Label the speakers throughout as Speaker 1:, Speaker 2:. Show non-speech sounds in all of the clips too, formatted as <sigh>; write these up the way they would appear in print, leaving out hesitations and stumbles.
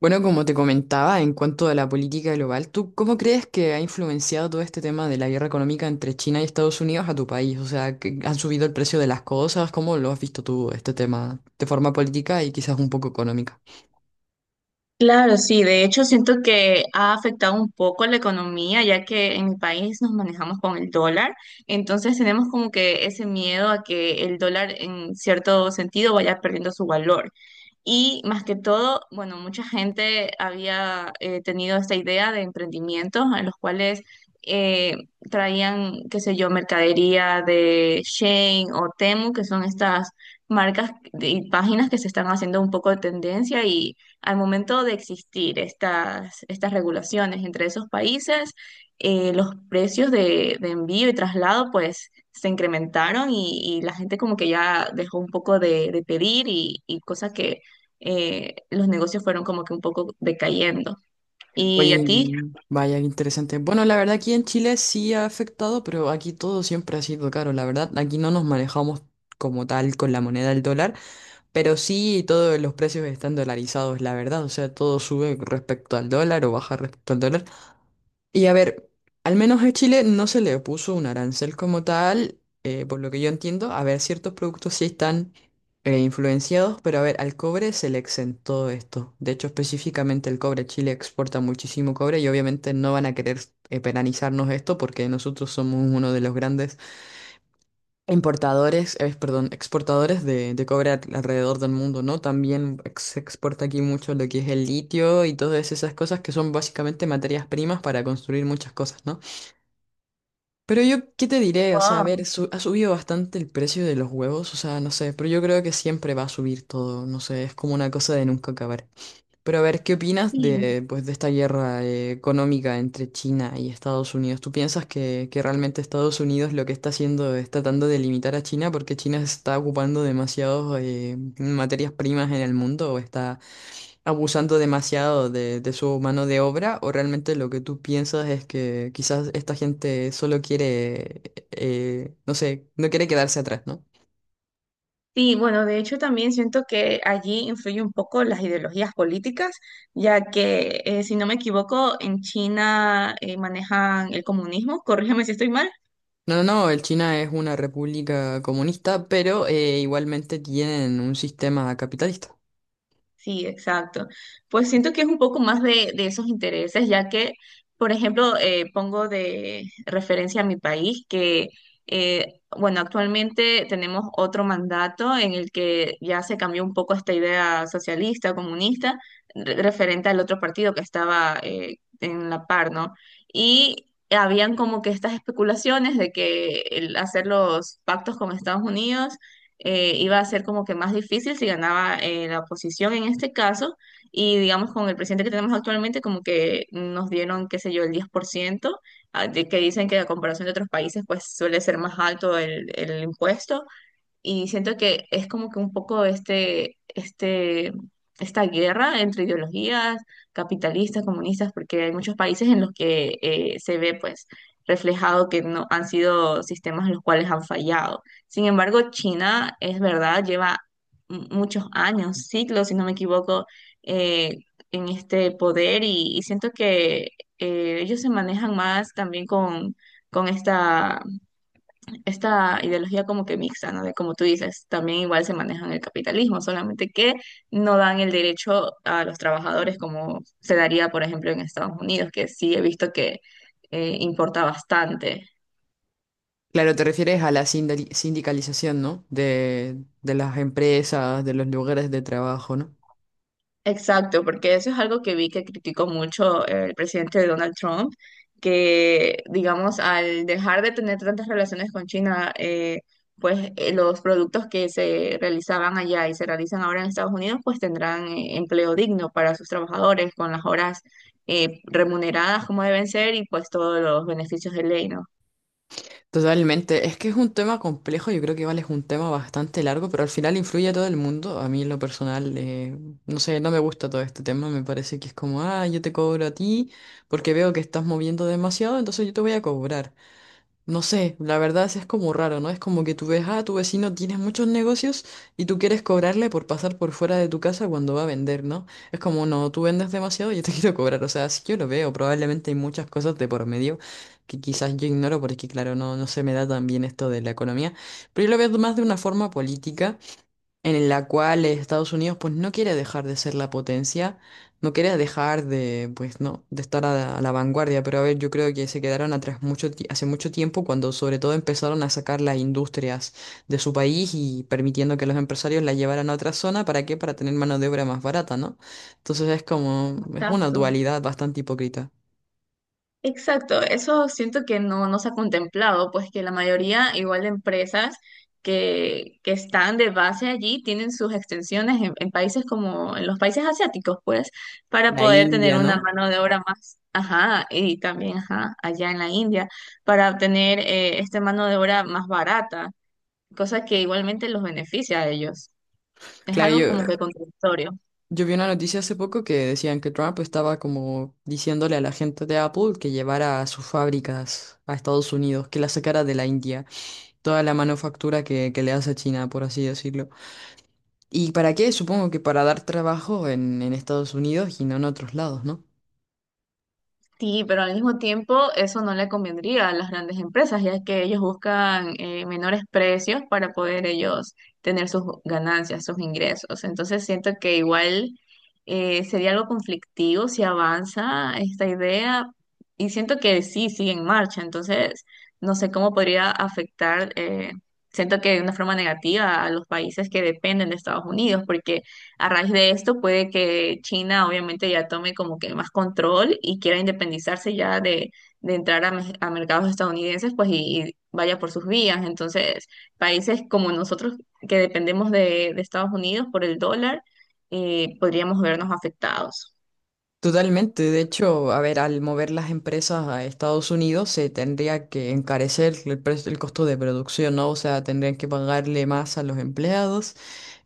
Speaker 1: Bueno, como te comentaba, en cuanto a la política global, ¿tú cómo crees que ha influenciado todo este tema de la guerra económica entre China y Estados Unidos a tu país? O sea, ¿que han subido el precio de las cosas? ¿Cómo lo has visto tú este tema de forma política y quizás un poco económica?
Speaker 2: Claro, sí, de hecho siento que ha afectado un poco la economía, ya que en mi país nos manejamos con el dólar, entonces tenemos como que ese miedo a que el dólar en cierto sentido vaya perdiendo su valor. Y más que todo, bueno, mucha gente había tenido esta idea de emprendimientos en los cuales eh, traían, qué sé yo, mercadería de Shein o Temu, que son estas marcas de- y páginas que se están haciendo un poco de tendencia y al momento de existir estas regulaciones entre esos países, los precios de envío y traslado pues se incrementaron y la gente como que ya dejó un poco de pedir y cosa que los negocios fueron como que un poco decayendo. ¿Y a
Speaker 1: Oye,
Speaker 2: ti?
Speaker 1: vaya, qué interesante. Bueno, la verdad aquí en Chile sí ha afectado, pero aquí todo siempre ha sido caro. La verdad, aquí no nos manejamos como tal con la moneda del dólar, pero sí todos los precios están dolarizados, la verdad. O sea, todo sube respecto al dólar o baja respecto al dólar. Y a ver, al menos a Chile no se le puso un arancel como tal, por lo que yo entiendo. A ver, ciertos productos sí están influenciados, pero a ver, al cobre se le exentó esto. De hecho, específicamente el cobre, Chile exporta muchísimo cobre y obviamente no van a querer penalizarnos esto porque nosotros somos uno de los grandes importadores, perdón, exportadores de cobre alrededor del mundo, ¿no? También se exporta aquí mucho lo que es el litio y todas esas cosas que son básicamente materias primas para construir muchas cosas, ¿no? Pero yo, ¿qué te diré? O sea, a ver,
Speaker 2: Wow.
Speaker 1: ha subido bastante el precio de los huevos, o sea, no sé, pero yo creo que siempre va a subir todo, no sé, es como una cosa de nunca acabar. Pero a ver, ¿qué opinas
Speaker 2: Sí,
Speaker 1: de, pues, de esta guerra económica entre China y Estados Unidos? ¿Tú piensas que realmente Estados Unidos lo que está haciendo es tratando de limitar a China porque China se está ocupando demasiados materias primas en el mundo o está abusando demasiado de su mano de obra, o realmente lo que tú piensas es que quizás esta gente solo quiere, no sé, no quiere quedarse atrás, ¿no?
Speaker 2: sí, bueno, de hecho también siento que allí influye un poco las ideologías políticas, ya que si no me equivoco, en China manejan el comunismo, <laughs> corrígeme si estoy mal.
Speaker 1: No, no, no, el China es una república comunista, pero igualmente tienen un sistema capitalista.
Speaker 2: Sí, exacto. Pues siento que es un poco más de esos intereses, ya que, por ejemplo, pongo de referencia a mi país, que, bueno, actualmente tenemos otro mandato en el que ya se cambió un poco esta idea socialista, comunista, referente al otro partido que estaba en la par, ¿no? Y habían como que estas especulaciones de que el hacer los pactos con Estados Unidos iba a ser como que más difícil si ganaba la oposición en este caso. Y digamos, con el presidente que tenemos actualmente, como que nos dieron, qué sé yo, el 10%, que dicen que a comparación de otros países, pues suele ser más alto el impuesto y siento que es como que un poco esta guerra entre ideologías capitalistas, comunistas, porque hay muchos países en los que se ve pues reflejado que no han sido sistemas en los cuales han fallado. Sin embargo, China es verdad, lleva muchos años, siglos, si no me equivoco, eh, en este poder y siento que ellos se manejan más también con esta ideología como que mixta, ¿no? De como tú dices, también igual se maneja en el capitalismo, solamente que no dan el derecho a los trabajadores como se daría, por ejemplo, en Estados Unidos, que sí he visto que importa bastante.
Speaker 1: Claro, te refieres a la sindicalización, ¿no? De las empresas, de los lugares de trabajo, ¿no?
Speaker 2: Exacto, porque eso es algo que vi que criticó mucho el presidente Donald Trump, que digamos, al dejar de tener tantas relaciones con China, los productos que se realizaban allá y se realizan ahora en Estados Unidos, pues tendrán empleo digno para sus trabajadores, con las horas remuneradas como deben ser y pues todos los beneficios de ley, ¿no?
Speaker 1: Totalmente, es que es un tema complejo, yo creo que igual es un tema bastante largo, pero al final influye a todo el mundo. A mí en lo personal, no sé, no me gusta todo este tema, me parece que es como, ah, yo te cobro a ti porque veo que estás moviendo demasiado, entonces yo te voy a cobrar. No sé, la verdad es como raro, ¿no? Es como que tú ves, ah, tu vecino tiene muchos negocios y tú quieres cobrarle por pasar por fuera de tu casa cuando va a vender, ¿no? Es como, no, tú vendes demasiado, yo te <laughs> quiero cobrar. O sea, sí yo lo veo, probablemente hay muchas cosas de por medio que quizás yo ignoro porque, claro, no, no se me da tan bien esto de la economía, pero yo lo veo más de una forma política en la cual Estados Unidos pues no quiere dejar de ser la potencia, no quiere dejar de, pues no, de estar a la vanguardia, pero a ver, yo creo que se quedaron atrás mucho hace mucho tiempo cuando sobre todo empezaron a sacar las industrias de su país y permitiendo que los empresarios la llevaran a otra zona. ¿Para qué? Para tener mano de obra más barata, ¿no? Entonces es como es una
Speaker 2: Exacto.
Speaker 1: dualidad bastante hipócrita.
Speaker 2: Exacto, eso siento que no se ha contemplado, pues que la mayoría, igual de empresas que están de base allí, tienen sus extensiones en países como en los países asiáticos, pues, para
Speaker 1: La
Speaker 2: poder tener
Speaker 1: India,
Speaker 2: una
Speaker 1: ¿no?
Speaker 2: mano de obra más, ajá, y también, ajá, allá en la India, para obtener esta mano de obra más barata, cosa que igualmente los beneficia a ellos. Es
Speaker 1: Claro,
Speaker 2: algo
Speaker 1: yo
Speaker 2: como que contradictorio.
Speaker 1: Yo vi una noticia hace poco que decían que Trump estaba como diciéndole a la gente de Apple que llevara sus fábricas a Estados Unidos, que la sacara de la India, toda la manufactura que le hace a China, por así decirlo. ¿Y para qué? Supongo que para dar trabajo en Estados Unidos y no en otros lados, ¿no?
Speaker 2: Sí, pero al mismo tiempo eso no le convendría a las grandes empresas, ya que ellos buscan menores precios para poder ellos tener sus ganancias, sus ingresos. Entonces siento que igual sería algo conflictivo si avanza esta idea y siento que sí, sigue en marcha. Entonces no sé cómo podría afectar, siento que de una forma negativa a los países que dependen de Estados Unidos, porque a raíz de esto puede que China obviamente ya tome como que más control y quiera independizarse ya de entrar a, a mercados estadounidenses, pues y vaya por sus vías. Entonces, países como nosotros que dependemos de Estados Unidos por el dólar, podríamos vernos afectados.
Speaker 1: Totalmente, de hecho, a ver, al mover las empresas a Estados Unidos se tendría que encarecer el precio, el costo de producción, ¿no? O sea, tendrían que pagarle más a los empleados,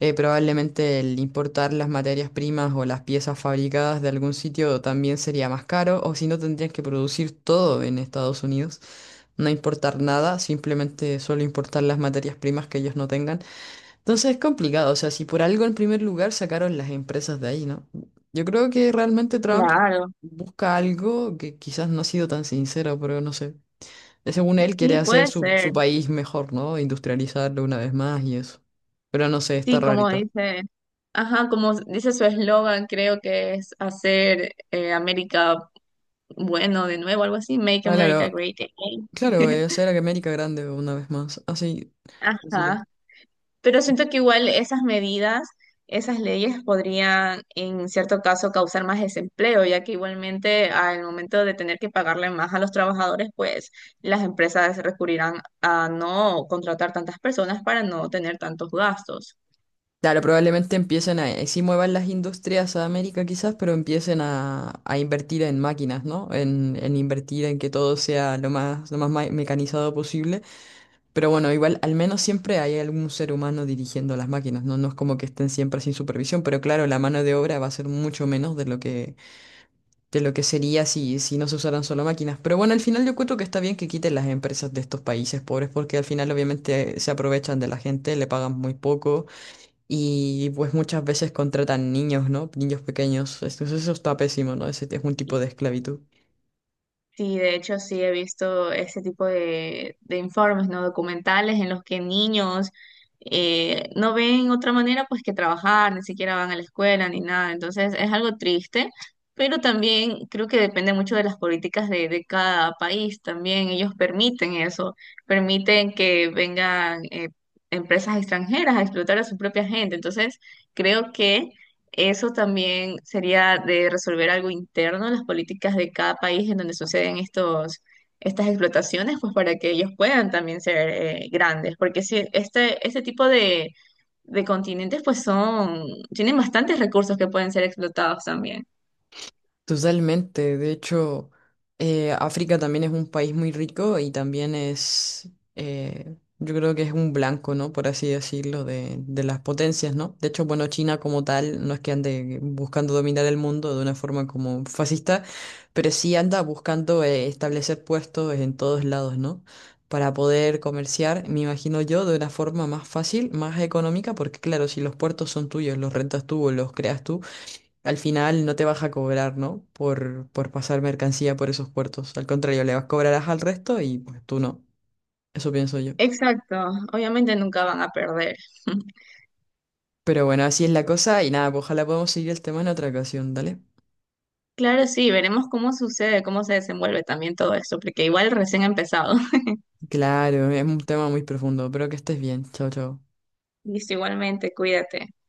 Speaker 1: probablemente el importar las materias primas o las piezas fabricadas de algún sitio también sería más caro, o si no tendrían que producir todo en Estados Unidos, no importar nada, simplemente solo importar las materias primas que ellos no tengan. Entonces es complicado, o sea, si por algo en primer lugar sacaron las empresas de ahí, ¿no? Yo creo que realmente Trump
Speaker 2: Claro,
Speaker 1: busca algo que quizás no ha sido tan sincero, pero no sé. Según él quiere
Speaker 2: sí,
Speaker 1: hacer
Speaker 2: puede
Speaker 1: su, su
Speaker 2: ser.
Speaker 1: país mejor, ¿no? Industrializarlo una vez más y eso. Pero no sé, está
Speaker 2: Sí, como
Speaker 1: rarito.
Speaker 2: dice, ajá, como dice su eslogan, creo que es hacer América bueno de nuevo, algo así, Make
Speaker 1: Ah,
Speaker 2: America
Speaker 1: claro,
Speaker 2: Great Again.
Speaker 1: claro, es
Speaker 2: <laughs>
Speaker 1: hacer a que América grande una vez más. Así, así
Speaker 2: Ajá,
Speaker 1: es.
Speaker 2: pero siento que igual esas medidas, esas leyes podrían en cierto caso causar más desempleo, ya que igualmente al momento de tener que pagarle más a los trabajadores, pues las empresas recurrirán a no contratar tantas personas para no tener tantos gastos.
Speaker 1: Claro, probablemente empiecen a, sí muevan las industrias a América quizás, pero empiecen a invertir en máquinas, ¿no? En invertir en que todo sea lo más mecanizado posible. Pero bueno, igual al menos siempre hay algún ser humano dirigiendo las máquinas, ¿no? No es como que estén siempre sin supervisión, pero claro, la mano de obra va a ser mucho menos de lo que sería si, si no se usaran solo máquinas. Pero bueno, al final yo cuento que está bien que quiten las empresas de estos países pobres, porque al final obviamente se aprovechan de la gente, le pagan muy poco. Y pues muchas veces contratan niños, ¿no? Niños pequeños. Entonces eso está pésimo, ¿no? Ese es un tipo de esclavitud.
Speaker 2: Sí, de hecho sí he visto ese tipo de informes, ¿no? Documentales en los que niños no ven otra manera pues que trabajar, ni siquiera van a la escuela ni nada. Entonces es algo triste, pero también creo que depende mucho de las políticas de cada país también. Ellos permiten eso, permiten que vengan empresas extranjeras a explotar a su propia gente. Entonces creo que eso también sería de resolver algo interno en las políticas de cada país en donde suceden estas explotaciones, pues para que ellos puedan también ser grandes, porque si este tipo de continentes pues son, tienen bastantes recursos que pueden ser explotados también.
Speaker 1: Totalmente, de hecho, África también es un país muy rico y también es, yo creo que es un blanco, ¿no? Por así decirlo, de las potencias, ¿no? De hecho, bueno, China como tal no es que ande buscando dominar el mundo de una forma como fascista, pero sí anda buscando establecer puestos en todos lados, ¿no? Para poder comerciar, me imagino yo, de una forma más fácil, más económica, porque claro, si los puertos son tuyos, los rentas tú o los creas tú, al final no te vas a cobrar, ¿no? Por pasar mercancía por esos puertos. Al contrario, le vas cobrarás al resto y pues tú no. Eso pienso yo.
Speaker 2: Exacto, obviamente nunca van a perder. <laughs>
Speaker 1: Pero bueno, así es la cosa y nada, pues ojalá podamos seguir el tema en otra ocasión, ¿dale?
Speaker 2: Claro, sí, veremos cómo sucede, cómo se desenvuelve también todo esto, porque igual recién ha empezado. <laughs>
Speaker 1: Claro, es un tema muy profundo, pero que estés bien. Chao, chao.
Speaker 2: Listo, igualmente, cuídate.